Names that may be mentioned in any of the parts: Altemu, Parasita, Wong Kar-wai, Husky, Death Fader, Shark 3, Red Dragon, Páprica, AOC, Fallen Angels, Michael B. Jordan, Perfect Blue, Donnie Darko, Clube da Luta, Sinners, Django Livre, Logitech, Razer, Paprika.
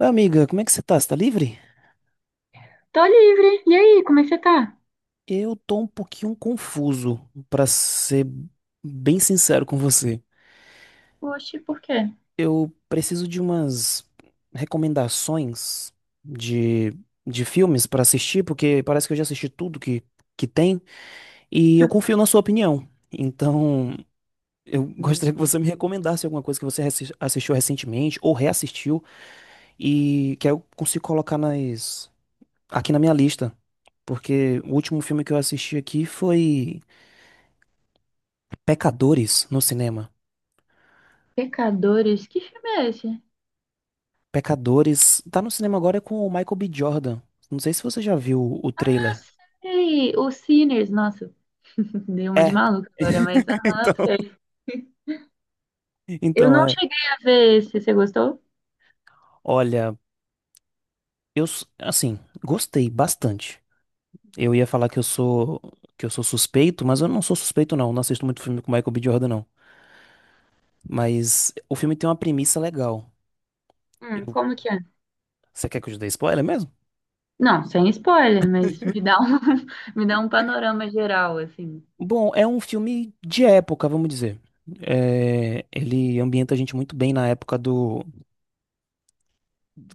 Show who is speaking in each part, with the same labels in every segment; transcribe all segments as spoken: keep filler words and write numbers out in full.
Speaker 1: Oi, Amiga, como é que você tá? Você tá livre?
Speaker 2: Tô livre. E aí, como é que você tá?
Speaker 1: Eu tô um pouquinho confuso, pra ser bem sincero com você.
Speaker 2: Oxe, por quê?
Speaker 1: Eu preciso de umas recomendações de, de filmes pra assistir, porque parece que eu já assisti tudo que, que tem, e eu confio na sua opinião. Então, eu gostaria que
Speaker 2: Hum.
Speaker 1: você me recomendasse alguma coisa que você assis- assistiu recentemente ou reassistiu e que eu consigo colocar nas, aqui na minha lista. Porque o último filme que eu assisti aqui foi Pecadores no cinema.
Speaker 2: Pecadores? Que filme é esse?
Speaker 1: Pecadores. Tá no cinema agora com o Michael B. Jordan. Não sei se você já viu o
Speaker 2: Ah,
Speaker 1: trailer.
Speaker 2: sei! O Sinners, nossa, dei uma de
Speaker 1: É.
Speaker 2: maluca agora, mas aham,
Speaker 1: Então,
Speaker 2: sei. Eu
Speaker 1: então
Speaker 2: não
Speaker 1: é.
Speaker 2: cheguei a ver esse, você gostou?
Speaker 1: Olha, eu s- assim, gostei bastante. Eu ia falar que eu sou que eu sou suspeito, mas eu não sou suspeito não. Não assisto muito filme com Michael B. Jordan não. Mas o filme tem uma premissa legal.
Speaker 2: Hum,
Speaker 1: Eu-
Speaker 2: como que é?
Speaker 1: Você quer que eu te dê spoiler mesmo?
Speaker 2: Não, sem spoiler, mas me dá um, me dá um panorama geral, assim.
Speaker 1: Bom, é um filme de época, vamos dizer. É, ele ambienta a gente muito bem na época do.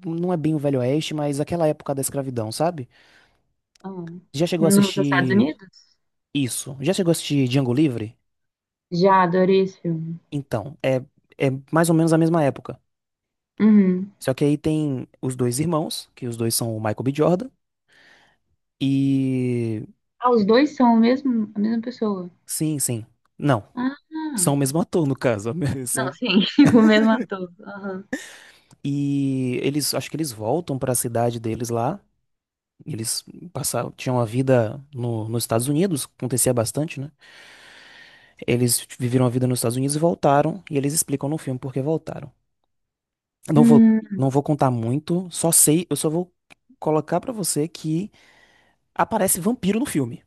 Speaker 1: Não é bem o Velho Oeste, mas aquela época da escravidão, sabe?
Speaker 2: Ah,
Speaker 1: Já chegou a
Speaker 2: nos Estados
Speaker 1: assistir
Speaker 2: Unidos?
Speaker 1: isso? Já chegou a assistir Django Livre?
Speaker 2: Já adorei esse filme.
Speaker 1: Então, é, é mais ou menos a mesma época.
Speaker 2: Uhum.
Speaker 1: Só que aí tem os dois irmãos, que os dois são o Michael B. Jordan, e.
Speaker 2: Ah, os dois são o mesmo, a mesma pessoa.
Speaker 1: Sim, sim. Não.
Speaker 2: Ah,
Speaker 1: São o mesmo ator, no caso.
Speaker 2: não,
Speaker 1: São...
Speaker 2: sim, o mesmo ator. Aham.
Speaker 1: E eles, acho que eles voltam para a cidade deles lá. Eles passaram, tinham a vida no, nos Estados Unidos, acontecia bastante, né? Eles viveram a vida nos Estados Unidos e voltaram, e eles explicam no filme por que voltaram. Não vou, não vou contar muito, só sei, eu só vou colocar pra você que aparece vampiro no filme.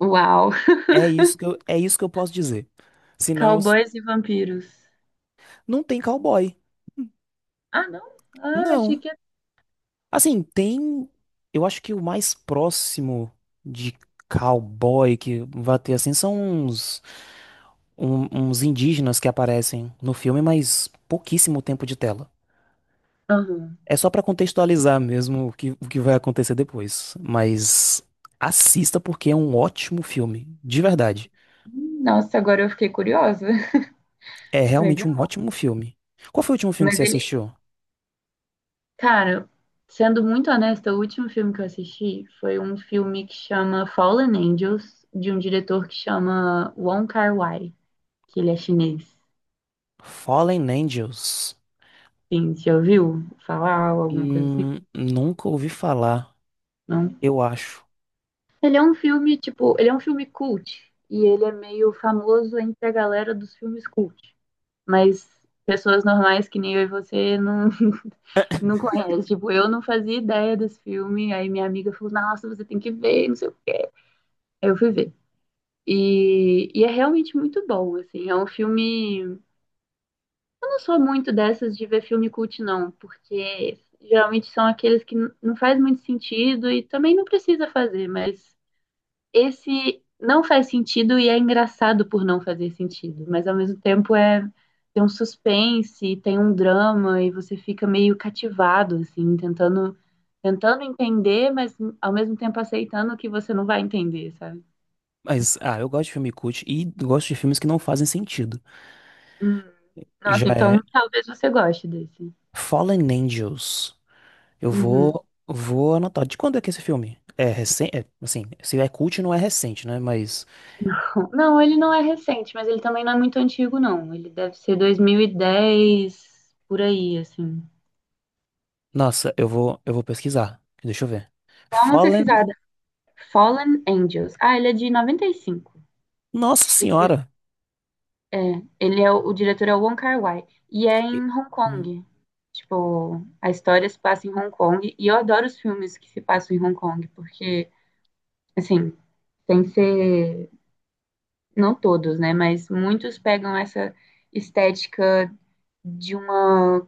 Speaker 2: Uau!
Speaker 1: É isso que eu, é isso que eu posso dizer. Senão, s-
Speaker 2: Cowboys e vampiros.
Speaker 1: não tem cowboy.
Speaker 2: Ah, não? Ah, achei
Speaker 1: Não.
Speaker 2: que era.
Speaker 1: Assim, tem, eu acho que o mais próximo de cowboy que vai ter assim são uns, um- uns indígenas que aparecem no filme, mas pouquíssimo tempo de tela.
Speaker 2: Aham.
Speaker 1: É só pra contextualizar mesmo o que, o que vai acontecer depois. Mas assista porque é um ótimo filme, de verdade.
Speaker 2: Hum, nossa, agora eu fiquei curiosa.
Speaker 1: É realmente um
Speaker 2: Legal.
Speaker 1: ótimo filme. Qual foi o último filme que
Speaker 2: Mas
Speaker 1: você
Speaker 2: ele.
Speaker 1: assistiu?
Speaker 2: Cara, sendo muito honesta, o último filme que eu assisti foi um filme que chama Fallen Angels, de um diretor que chama Wong Kar-wai, que ele é chinês.
Speaker 1: Fallen Angels.
Speaker 2: Sim, já ouviu falar ou alguma coisa assim?
Speaker 1: Hum, nunca ouvi falar,
Speaker 2: Não?
Speaker 1: eu acho.
Speaker 2: Ele é um filme, tipo, ele é um filme cult. E ele é meio famoso entre a galera dos filmes cult. Mas pessoas normais que nem eu e você não, não conhece. Tipo, eu não fazia ideia desse filme. Aí minha amiga falou, nossa, você tem que ver, não sei o quê. Aí eu fui ver. E, e é realmente muito bom, assim. É um filme. Eu não sou muito dessas de ver filme cult, não, porque geralmente são aqueles que n- não faz muito sentido e também não precisa fazer, mas esse não faz sentido e é engraçado por não fazer sentido, mas ao mesmo tempo é tem um suspense, tem um drama e você fica meio cativado assim, tentando tentando entender, mas ao mesmo tempo aceitando que você não vai entender, sabe?
Speaker 1: Mas, ah, eu gosto de filme cult e gosto de filmes que não fazem sentido.
Speaker 2: Hum, Nossa,
Speaker 1: Já
Speaker 2: então
Speaker 1: é
Speaker 2: talvez você goste desse.
Speaker 1: Fallen Angels. Eu
Speaker 2: Uhum.
Speaker 1: vou, vou anotar. De quando é que é esse filme? É recente? É, assim, se é cult, não é recente, né? Mas.
Speaker 2: Não, ele não é recente, mas ele também não é muito antigo, não. Ele deve ser dois mil e dez, por aí, assim.
Speaker 1: Nossa, eu vou, eu vou pesquisar. Deixa eu ver.
Speaker 2: Dá uma
Speaker 1: Fallen.
Speaker 2: pesquisada. Fallen Angels. Ah, ele é de noventa e cinco.
Speaker 1: Nossa senhora.
Speaker 2: É, ele é o, o diretor é o Wong Kar-wai e é
Speaker 1: E-
Speaker 2: em Hong
Speaker 1: Hum.
Speaker 2: Kong. Tipo, a história se passa em Hong Kong e eu adoro os filmes que se passam em Hong Kong porque, assim, tem que ser não todos, né? Mas muitos pegam essa estética de uma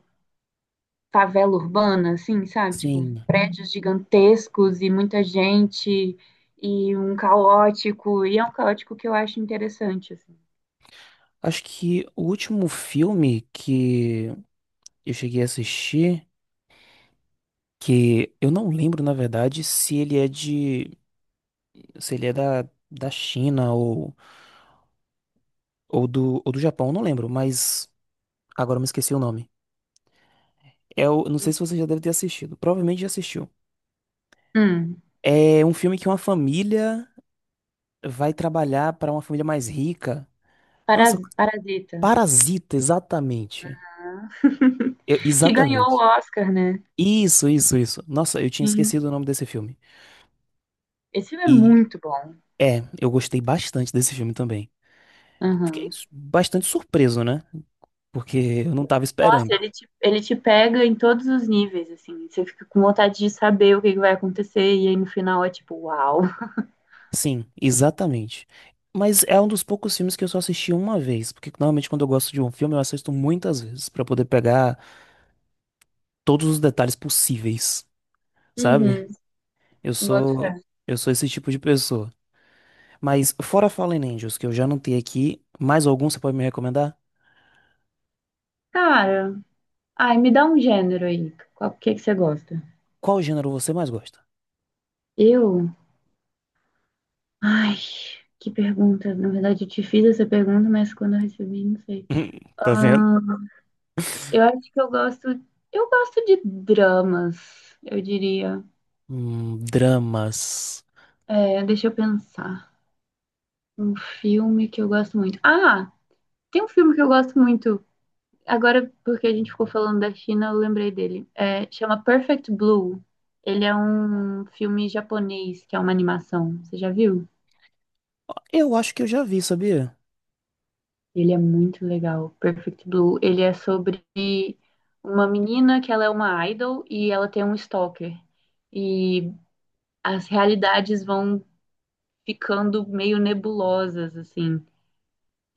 Speaker 2: favela urbana, assim, sabe? Tipo,
Speaker 1: Sim.
Speaker 2: prédios gigantescos e muita gente e um caótico e é um caótico que eu acho interessante, assim.
Speaker 1: Acho que o último filme que eu cheguei a assistir, que eu não lembro, na verdade, se ele é de, se ele é da, da China ou, ou do, ou do Japão, eu não lembro, mas agora eu me esqueci o nome. É o, não sei se você já deve ter assistido. Provavelmente já assistiu.
Speaker 2: Hum,
Speaker 1: É um filme que uma família vai trabalhar para uma família mais rica. Nossa,
Speaker 2: Paras- Parasita.
Speaker 1: Parasita, exatamente.
Speaker 2: Ah.
Speaker 1: Eu-
Speaker 2: Que ganhou o
Speaker 1: exatamente.
Speaker 2: Oscar, né?
Speaker 1: Isso, isso, isso. Nossa, eu tinha
Speaker 2: Sim.
Speaker 1: esquecido o nome desse filme.
Speaker 2: Esse filme é
Speaker 1: E
Speaker 2: muito bom.
Speaker 1: é, eu gostei bastante desse filme também. Fiquei
Speaker 2: Aham.
Speaker 1: s- bastante surpreso, né? Porque eu não tava
Speaker 2: Nossa,
Speaker 1: esperando.
Speaker 2: ele te, ele te pega em todos os níveis, assim. Você fica com vontade de saber o que que vai acontecer, e aí no final é tipo, uau.
Speaker 1: Sim, exatamente. Mas é um dos poucos filmes que eu só assisti uma vez, porque normalmente quando eu gosto de um filme eu assisto muitas vezes pra poder pegar todos os detalhes possíveis, sabe?
Speaker 2: Uhum,
Speaker 1: Eu
Speaker 2: boto
Speaker 1: sou
Speaker 2: fé.
Speaker 1: eu sou esse tipo de pessoa. Mas fora Fallen Angels, que eu já não tenho aqui, mais algum você pode me recomendar?
Speaker 2: Cara, ai, me dá um gênero aí. Qual que que você gosta?
Speaker 1: Qual gênero você mais gosta?
Speaker 2: Eu? Ai, que pergunta. Na verdade, eu te fiz essa pergunta, mas quando eu recebi, não sei.
Speaker 1: Tá vendo?
Speaker 2: Ah, eu acho que eu gosto. Eu gosto de dramas, eu diria.
Speaker 1: Hum, dramas.
Speaker 2: É, deixa eu pensar. Um filme que eu gosto muito. Ah, tem um filme que eu gosto muito. Agora, porque a gente ficou falando da China, eu lembrei dele. É, chama Perfect Blue. Ele é um filme japonês, que é uma animação. Você já viu?
Speaker 1: Eu acho que eu já vi, sabia?
Speaker 2: Ele é muito legal. Perfect Blue. Ele é sobre uma menina que ela é uma idol e ela tem um stalker. E as realidades vão ficando meio nebulosas, assim.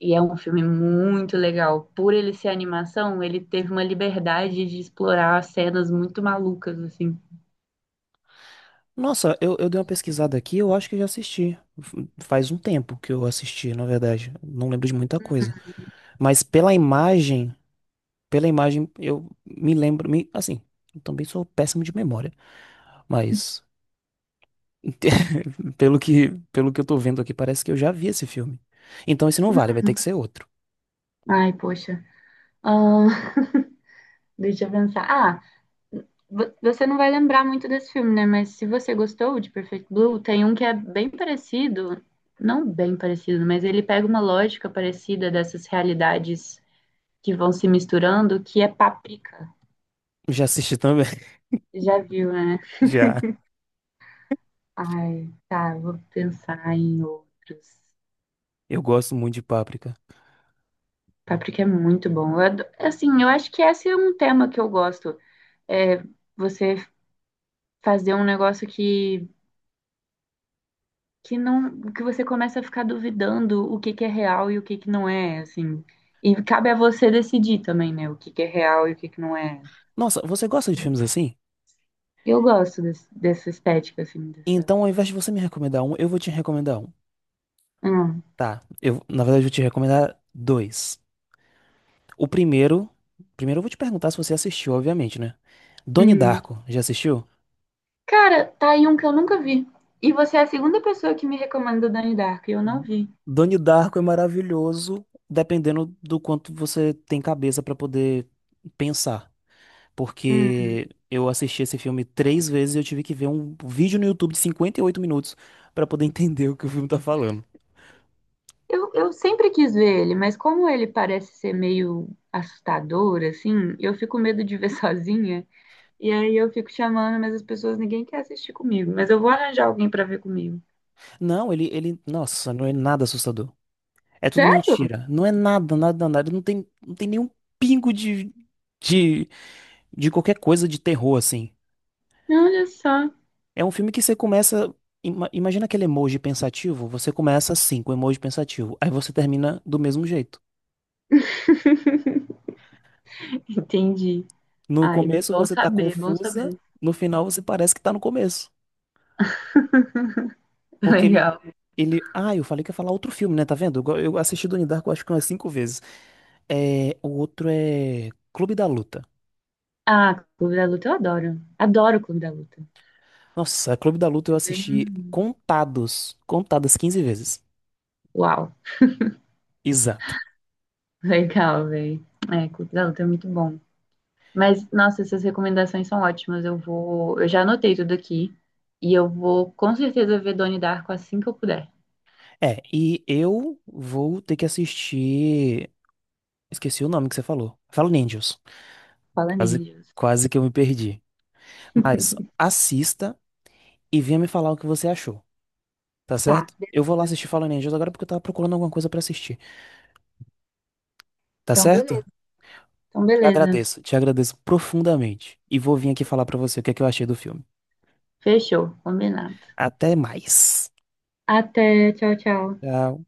Speaker 2: E é um filme muito legal. Por ele ser animação, ele teve uma liberdade de explorar cenas muito malucas, assim.
Speaker 1: Nossa, eu, eu dei uma pesquisada aqui, eu acho que eu já assisti. F- Faz um tempo que eu assisti, na verdade. Não lembro de muita coisa. Mas pela imagem, pela imagem, eu me lembro. Me, assim, eu também sou péssimo de memória. Mas pelo que, pelo que eu tô vendo aqui, parece que eu já vi esse filme. Então esse não vale, vai ter que ser outro.
Speaker 2: Ai, poxa. Ahn, deixa eu pensar. Ah, vo- você não vai lembrar muito desse filme, né? Mas se você gostou de Perfect Blue, tem um que é bem parecido, não bem parecido, mas ele pega uma lógica parecida dessas realidades que vão se misturando, que é Paprika.
Speaker 1: Já assisti também.
Speaker 2: Já viu, né?
Speaker 1: Já.
Speaker 2: Ai, tá, vou pensar em outros.
Speaker 1: Eu gosto muito de Páprica.
Speaker 2: Páprica é muito bom. Eu ado- assim, eu acho que esse é um tema que eu gosto. É você fazer um negócio que, que não, que você começa a ficar duvidando o que que é real e o que que não é, assim. E cabe a você decidir também, né, o que que é real e o que que não é.
Speaker 1: Nossa, você gosta de filmes assim?
Speaker 2: Eu gosto desse- dessa estética, assim, dessa.
Speaker 1: Então, ao invés de você me recomendar um, eu vou te recomendar um.
Speaker 2: Hum.
Speaker 1: Tá. Eu, na verdade, eu vou te recomendar dois. O primeiro. Primeiro eu vou te perguntar se você assistiu, obviamente, né? Donnie
Speaker 2: Hum.
Speaker 1: Darko, já assistiu?
Speaker 2: Cara, tá aí um que eu nunca vi. E você é a segunda pessoa que me recomenda o Donnie Darko, e eu não vi.
Speaker 1: Donnie Darko é maravilhoso, dependendo do quanto você tem cabeça pra poder pensar.
Speaker 2: Hum.
Speaker 1: Porque eu assisti esse filme três vezes e eu tive que ver um vídeo no YouTube de cinquenta e oito minutos pra poder entender o que o filme tá falando.
Speaker 2: Eu, eu sempre quis ver ele, mas como ele parece ser meio assustador, assim, eu fico com medo de ver sozinha. E aí eu fico chamando, mas as pessoas, ninguém quer assistir comigo. Mas eu vou arranjar alguém pra ver comigo.
Speaker 1: Não, ele, ele, nossa, não é nada assustador. É tudo
Speaker 2: Sério?
Speaker 1: mentira. Não é nada, nada, nada. Não tem, não tem nenhum pingo de, de, de qualquer coisa de terror, assim.
Speaker 2: Olha só.
Speaker 1: É um filme que você começa. ima- Imagina aquele emoji pensativo. Você começa assim, com o emoji pensativo. Aí você termina do mesmo jeito.
Speaker 2: Entendi.
Speaker 1: No
Speaker 2: Ai,
Speaker 1: começo
Speaker 2: bom
Speaker 1: você tá
Speaker 2: saber, bom
Speaker 1: confusa,
Speaker 2: saber.
Speaker 1: no final você parece que tá no começo. Porque ele.
Speaker 2: Legal.
Speaker 1: Ele. Ah, eu falei que ia falar outro filme, né? Tá vendo? Eu, go- eu assisti Donnie Darko acho que umas cinco vezes. É, o outro é Clube da Luta.
Speaker 2: Ah, Clube da Luta eu adoro. Adoro o Clube da Luta.
Speaker 1: Nossa, Clube da Luta eu
Speaker 2: É bem.
Speaker 1: assisti contados, contadas quinze vezes.
Speaker 2: Uau,
Speaker 1: Exato.
Speaker 2: legal, velho. É, Clube da Luta é muito bom. Mas, nossa, essas recomendações são ótimas. Eu vou, eu já anotei tudo aqui e eu vou com certeza ver Donnie Darko assim que eu puder.
Speaker 1: É, e eu vou ter que assistir. Esqueci o nome que você falou. Fala Ninjas.
Speaker 2: Fala
Speaker 1: Quase,
Speaker 2: Angels.
Speaker 1: quase que eu me perdi. Mas assista e venha me falar o que você achou, tá
Speaker 2: Tá,
Speaker 1: certo? Eu vou lá
Speaker 2: beleza.
Speaker 1: assistir Fallen Angels agora porque eu tava procurando alguma coisa pra assistir, tá
Speaker 2: Então,
Speaker 1: certo?
Speaker 2: beleza. Então,
Speaker 1: Te
Speaker 2: beleza.
Speaker 1: agradeço, te agradeço profundamente. E vou vir aqui falar pra você o que é que eu achei do filme.
Speaker 2: Fechou, combinado.
Speaker 1: Até mais.
Speaker 2: Até, tchau, tchau.
Speaker 1: Tchau.